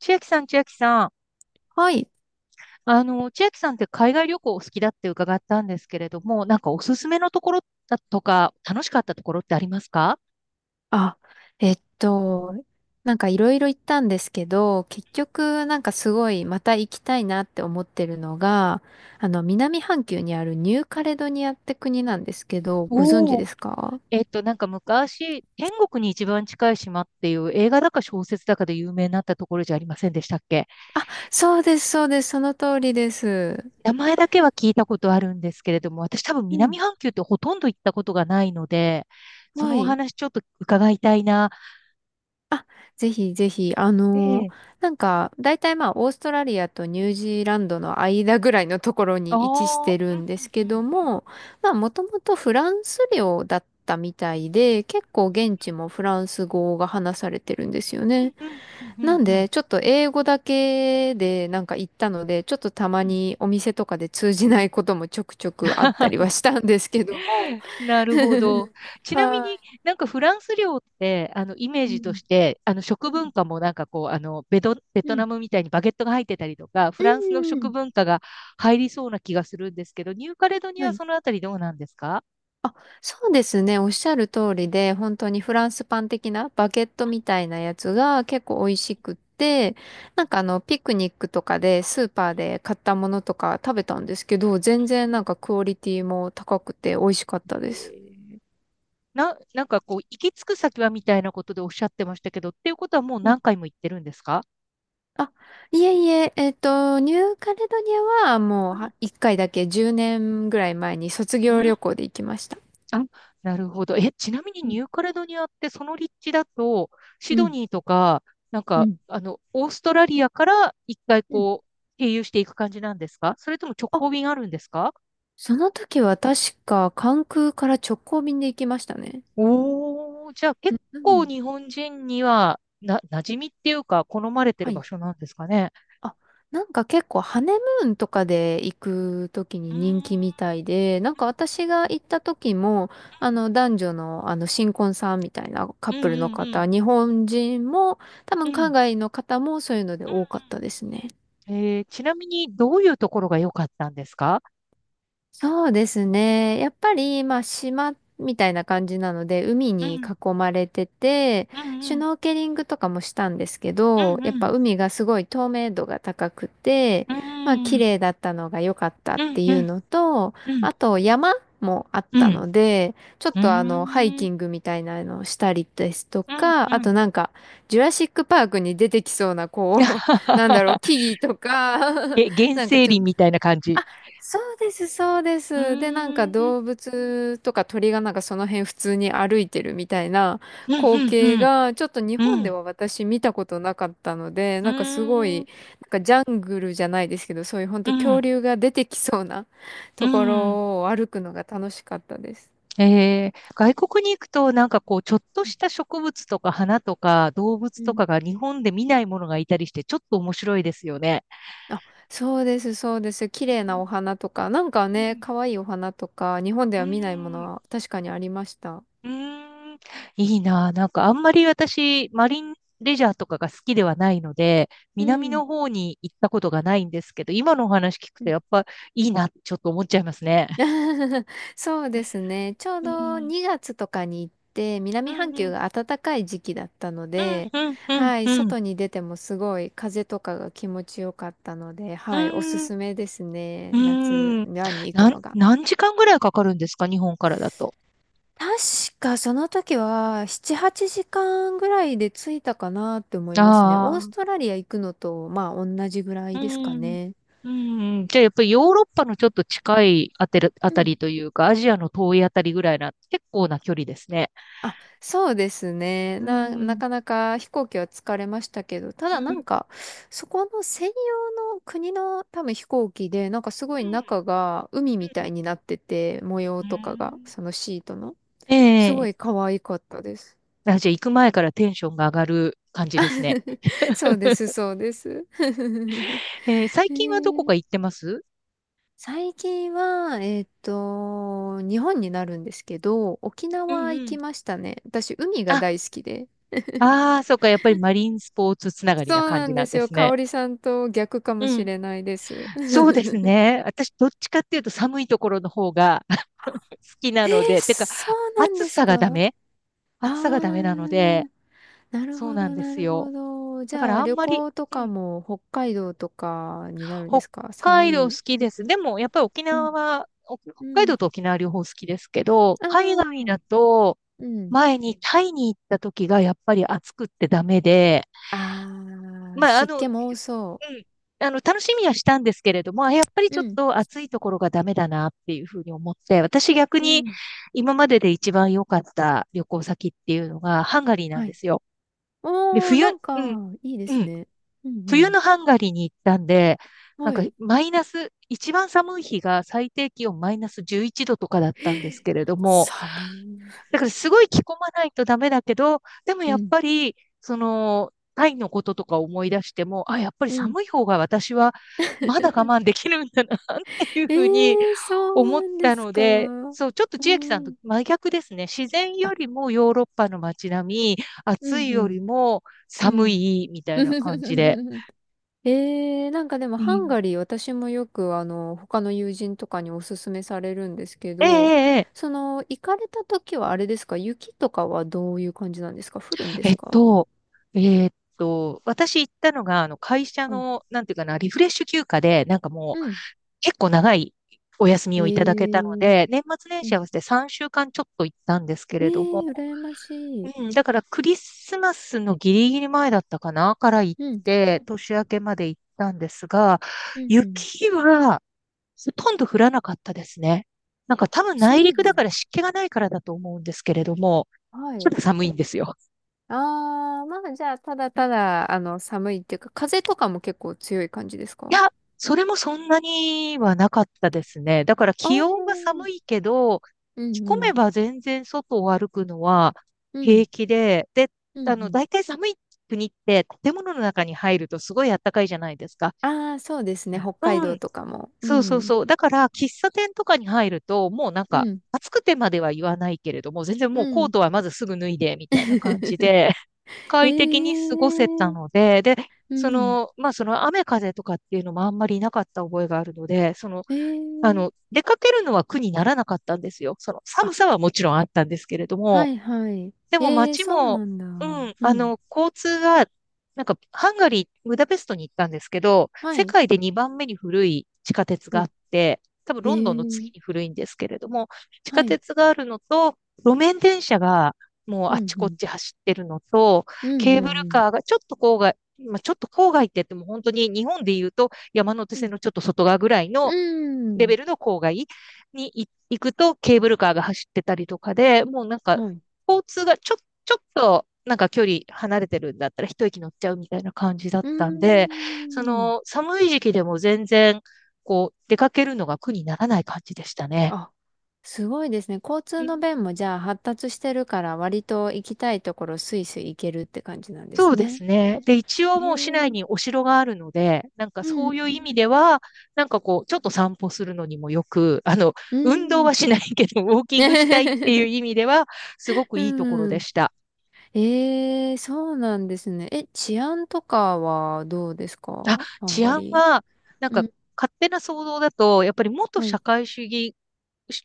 千秋さん、千秋さん。はい。千秋さんって海外旅行お好きだって伺ったんですけれども、なんかおすすめのところだとか、楽しかったところってありますか？あ、えっと、なんかいろいろ行ったんですけど、結局なんかすごいまた行きたいなって思ってるのが、南半球にあるニューカレドニアって国なんですけど、ご存知おおー、ですか？なんか昔、天国に一番近い島っていう映画だか小説だかで有名になったところじゃありませんでしたっけ？あ、そうです、そうです、その通りです。名前だけは聞いたことあるんですけれども、私多分う南ん。半球ってほとんど行ったことがないので、そはのおい。話ちょっと伺いたいな。ぜひぜひ、ええ。なんか、大体まあ、オーストラリアとニュージーランドの間ぐらいのところあに位置しあ、てるうんうんですんうけどんうん。も、まあ、もともとフランス領だったみたいで、結構現地もフランス語が話されてるんですよね。うんうんうんうなんんうで、んちょっと英語だけでなんか行ったので、ちょっとたうまん。にお店とかで通じないこともちょくちょくあったりは したんですけども。なるほど。ちなみはになんかフランス料って、イメーい。うジとん。して、う食文化もなんかこう、ベトん。ナムみたいにバゲットが入ってたりとか、フうランスのん。う食ん。文化が入りそうな気がするんですけど、ニューカレドニアははい。そのあたりどうなんですか？あ、そうですね。おっしゃる通りで、本当にフランスパン的なバケットみたいなやつが結構美味しくって、なんかピクニックとかでスーパーで買ったものとか食べたんですけど、全う然なんんかクオリティも高くて美味しかったです。えーなんかこう、行き着く先はみたいなことでおっしゃってましたけど、っていうことはもううん。何回も行ってるんですか？あ、いえいえ、ニューカレドニアはもうは一回だけ10年ぐらい前に卒う業ん、旅行で行きました。あ、なるほど。え、ちなみにうニんューカレドニアってその立地だと、シうドんニーとか、なんうか、んオーストラリアから一回うん。こう、経由していく感じなんですか？それとも直あ、行便あるんですか？その時は確か関空から直行便で行きましたね。おー、じゃあう結んう構ん、日本人には、馴染みっていうか、好まれてはる場い。所なんですかね。あ、なんか結構ハネムーンとかで行くときうにー人気みんたいで、なんか私が行った時も、あの男女のあの新婚さんみたいなカッうんプルのうんうん方、日本人も多う分んうんうんう海ん外の方もそういうので多かったですね。ちなみにどういうところが良かったんですか？そうですね。やっぱり、まあ、島みたいな感じなので、海うにん囲まれてて、うんシュうんノーケリングとかもしたんですけうど、やっんぱ海がすごい透明度が高くて、うんまあ、う綺ん麗だったのが良かったうっんていううんのと、うんあと山もあっうたん。ので、ちょっうとハイんうーん。キングみたいなのをしたりですとうんか、あうん となんか、ジュラシックパークに出てきそうな、こう、なんだろう、木々とか、原なんか生ちょっ林と。みたいな感じ。あ、そうです、そうでうーす。で、なんかん。うん動物とか鳥がなんかその辺普通に歩いてるみたいなうん光景うん。が、ちょっと日本うでん。は私見たことなかったので、うなんかすごい、ん。なんかジャングルじゃないですけど、そういう本う当恐ん。竜が出てきそうなうとこん。ろを歩くのが楽しかったです。外国に行くと、なんかこう、ちょっとした植物とか花とか動物うとん。かが日本で見ないものがいたりして、ちょっと面白いですよね。あ、そうです、そうです。綺うん麗なお花とか、なんかね、可愛いお花とか、日本でうんは見ないもうのんは確かにありました。うーん、いいな。なんかあんまり私、マリンレジャーとかが好きではないので、う南ん。の方に行ったことがないんですけど、今のお話聞くとやっぱいいなってちょっと思っちゃいますね。そうですね。ちょううどん、2月とかに行って、う南半ん、う球ん、が暖かい時期だったので、うん、うん、うん、はい、うん、外に出てもすごい風とかが気持ちよかったので、うはい、おすん、すめですうね。夏ん。に行くのが。何時間ぐらいかかるんですか？日本からだと。確かその時は7、8時間ぐらいで着いたかなって思いますね。オーあストあ、ラリア行くのと、まあ同じぐらういですかん、ね。うん。じゃあやっぱりヨーロッパのちょっと近いあてるあうたん。りというか、アジアの遠いあたりぐらいな、結構な距離ですね。あ、そうですね。うなんかなか飛行機は疲れましたけど、たうだん、なうんん、か、そこの専用の国の多分飛行機で、なんかすごい中が海みうたん。いになってて、模う様とかが、んそのシートの。えすごえ。い可愛かったです。あ、じゃあ行く前からテンションが上がる感じですね。そ うです、そうです。ええ、最へ近はどこえ。か行ってます？最近は、日本になるんですけど、沖うん縄う行ん。きましたね。私、海があ、大好きで。ああ、そうか、やっぱりマリンスポーツつながりなそう感なじんでなんすでよ。す香ね。織さんと逆かもうしん。れないです。そうです ね。私、どっちかっていうと寒いところの方が 好きえなー、ので、てか、そうなん暑ですさかがダあ？メあ暑さがダメなので、ー、なるそうほなんど、でなするほよ。ど。じだかゃらあ、あん旅まり、行とうかん、も北海道とかになるんで北すか？寒海道好い。きです。でも、やっぱり沖うん、縄は、お北う海ん。道と沖縄両方好きですけど、あ海外だー、と、うん。前にタイに行った時がやっぱり暑くってダメで、あー、まあ、湿う気ん、も多そ楽しみはしたんですけれども、あやっぱりう。ちょうっん、と暑いところがダメだなっていうふうに思って、私逆うにん。今までで一番良かった旅行先っていうのがハンガリーなんはでい。すよ。で、おー、なんうん、か、いいでうすん。ね。う冬ん、のハンガリーに行ったんで、うん。なんはかい。マイナス、一番寒い日が最低気温マイナス11度とかだったん ですけれども、寒い。だからすごい着込まないとダメだけど、でもうやっん、ぱり、その、タイのこととか思い出しても、あ、やっぱりうん。寒い方が私はまだ我慢できるんだなっていうえふうにえ、そ思っうなんでたすのか？で、うそう、ちょっと千秋さんとん。真逆ですね。自然あ、よりもヨーロッパの街並み、う暑いんよりもうん。う寒いみん。たいな感じで。ええ、なんかでもうハンガん、リー私もよくあの他の友人とかにおすすめされるんですけええ、ど、ええ、え、その、行かれた時はあれですか？雪とかはどういう感じなんですか？降るんでええすっか？と、えっ私行ったのが、会社はい。の、なんていうかな、リフレッシュ休暇で、なんかもうう、ん。結構長いお休みえをいただけたのえ、で、年末年う始ん。合わせて3週間ちょっと行ったんですけえれども、え、羨ましい。うん、だからクリスマスのギリギリ前だったかな、から行っうん。て、年明けまで行ったんですが、うんうん。雪はほとんど降らなかったですね。なんかあ、多分そ内う陸なだかんらだ。湿気がないからだと思うんですけれども、はちょっい。と寒いんですよ。ああ、まあじゃあ、ただただ、寒いっていうか、風とかも結構強い感じですいか？や、それもそんなにはなかったですね。だからああ気温がー、寒いけど、う着ん込うめん、ば全然外を歩くのはう平ん、気で、で、うんうん。大体寒い国って建物の中に入るとすごい暖かいじゃないですか。ああ、そうですね、北海う道ん、とかも。うそうそうん、そう。だから喫茶店とかに入ると、もうなんうかん、暑くてまでは言わないけれども、全然もううコーん。トはまずすぐ脱いでみたいな感じ で、え快適に過ごせたえ、ので、で、うそん、の、まあ、その雨風とかっていうのもあんまりなかった覚えがあるので、その、ええ、出かけるのは苦にならなかったんですよ。その寒あ、さはもちろんあったんですけれどはも、いはい。でもええ、街そうも、なんだ。うん、うん、交通が、なんか、ハンガリー、ブダペストに行ったんですけど、は世い。界で2番目に古い地下鉄があって、多分お、ロンドンの次えにえ、古いんですけれども、地下はい。鉄があるのと、路面電車がもうあうっん、ちうこっん、ち走ってるのと、うん、ケーブうルん、カーがちょっと郊外、まあ、ちょっと郊外って言っても本当に日本で言うと山手うん、線のちょっと外側ぐらいうのん、うレん、ベルの郊外に行くとケーブルカーが走ってたりとかで、もうなんかはい。交通がちょ、ちょっとなんか距離離れてるんだったら一息乗っちゃうみたいな感じだっうーたんで、そん。の寒い時期でも全然こう出かけるのが苦にならない感じでしたね。あ、すごいですね。交う通のん、便もじゃあ発達してるから割と行きたいところスイスイ行けるって感じなんでそすうでね。すね。で、一へ応もう市内え。にお城があるので、なんかうそんういう意味では、なんかこう、ちょっと散歩するのにもよく、う 運動ん。うん。はしないけど、ウォーキングしたいっていう意 味では、すごくういいところでん。した。ええ、そうなんですね。え、治安とかはどうですあ、かハン治ガ安リは、なんー？うかん。勝手な想像だと、やっぱり元は社い。会主義、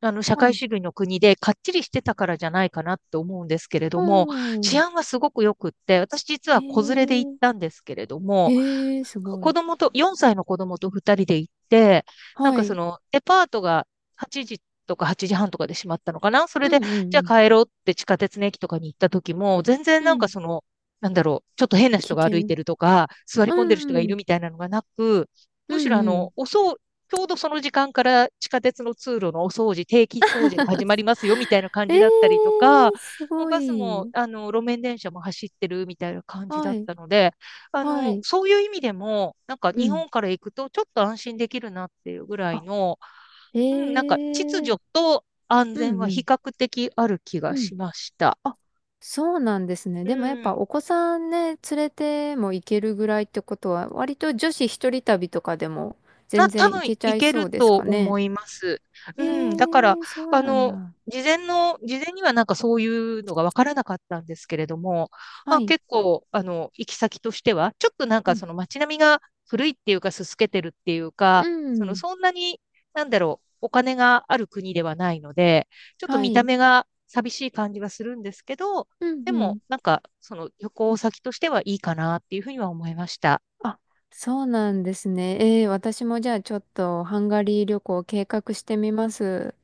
社は会い。主義の国でかっちりしてたからじゃないかなって思うんですけれうども、治ん。安はすごく良くって、私実えは子連れで行っえ。たんですけれども、ええ、すご子い。供と、4歳の子供と2人で行って、なんはかそい。の、デパートが8時とか8時半とかで閉まったのかな。それうで、んうじゃあん帰ろうって地下鉄の駅とかに行った時も、全然うん。なんうかん。その、なんだろう、ちょっと変な人危が歩いて険。るとか、座りう込んでる人がいるん。みたいなのがなく、うむしんろあうん。の、おそう、ちょうどその時間から地下鉄の通路のお掃除、定期掃除が始まりますよみたいな感えじえだったりとか、ー、すもうごバスもい。あの路面電車も走ってるみたいな感じだはっい、たので、はい、そういう意味でも、なんかう日ん。本から行くとちょっと安心できるなっていうぐらいあ、の、うん、なんか秩ええー、序と安う全ん、はう比ん、較的ある気がうん。しました。あ、そうなんですね。でもやっうん。ぱお子さんね、連れても行けるぐらいってことは、割と女子一人旅とかでも全多然行分けちゃいいけそるうですとかね？思います。えうえん。だから、ー、そうあなんの、だ。事前にはなんかそういうのが分からなかったんですけれども、まはあ、い、結構、行き先としては、ちょっとなんうかん、その街並みが古いっていうか、すすけてるっていううか、その、ん、そんなに、なんだろう、お金がある国ではないので、ちょっとは見たい、目が寂しい感じはするんですけど、うん、でうも、ん。なんか、その旅行先としてはいいかなっていうふうには思いました。あ、そうなんですね。ええー、私もじゃあちょっとハンガリー旅行計画してみます。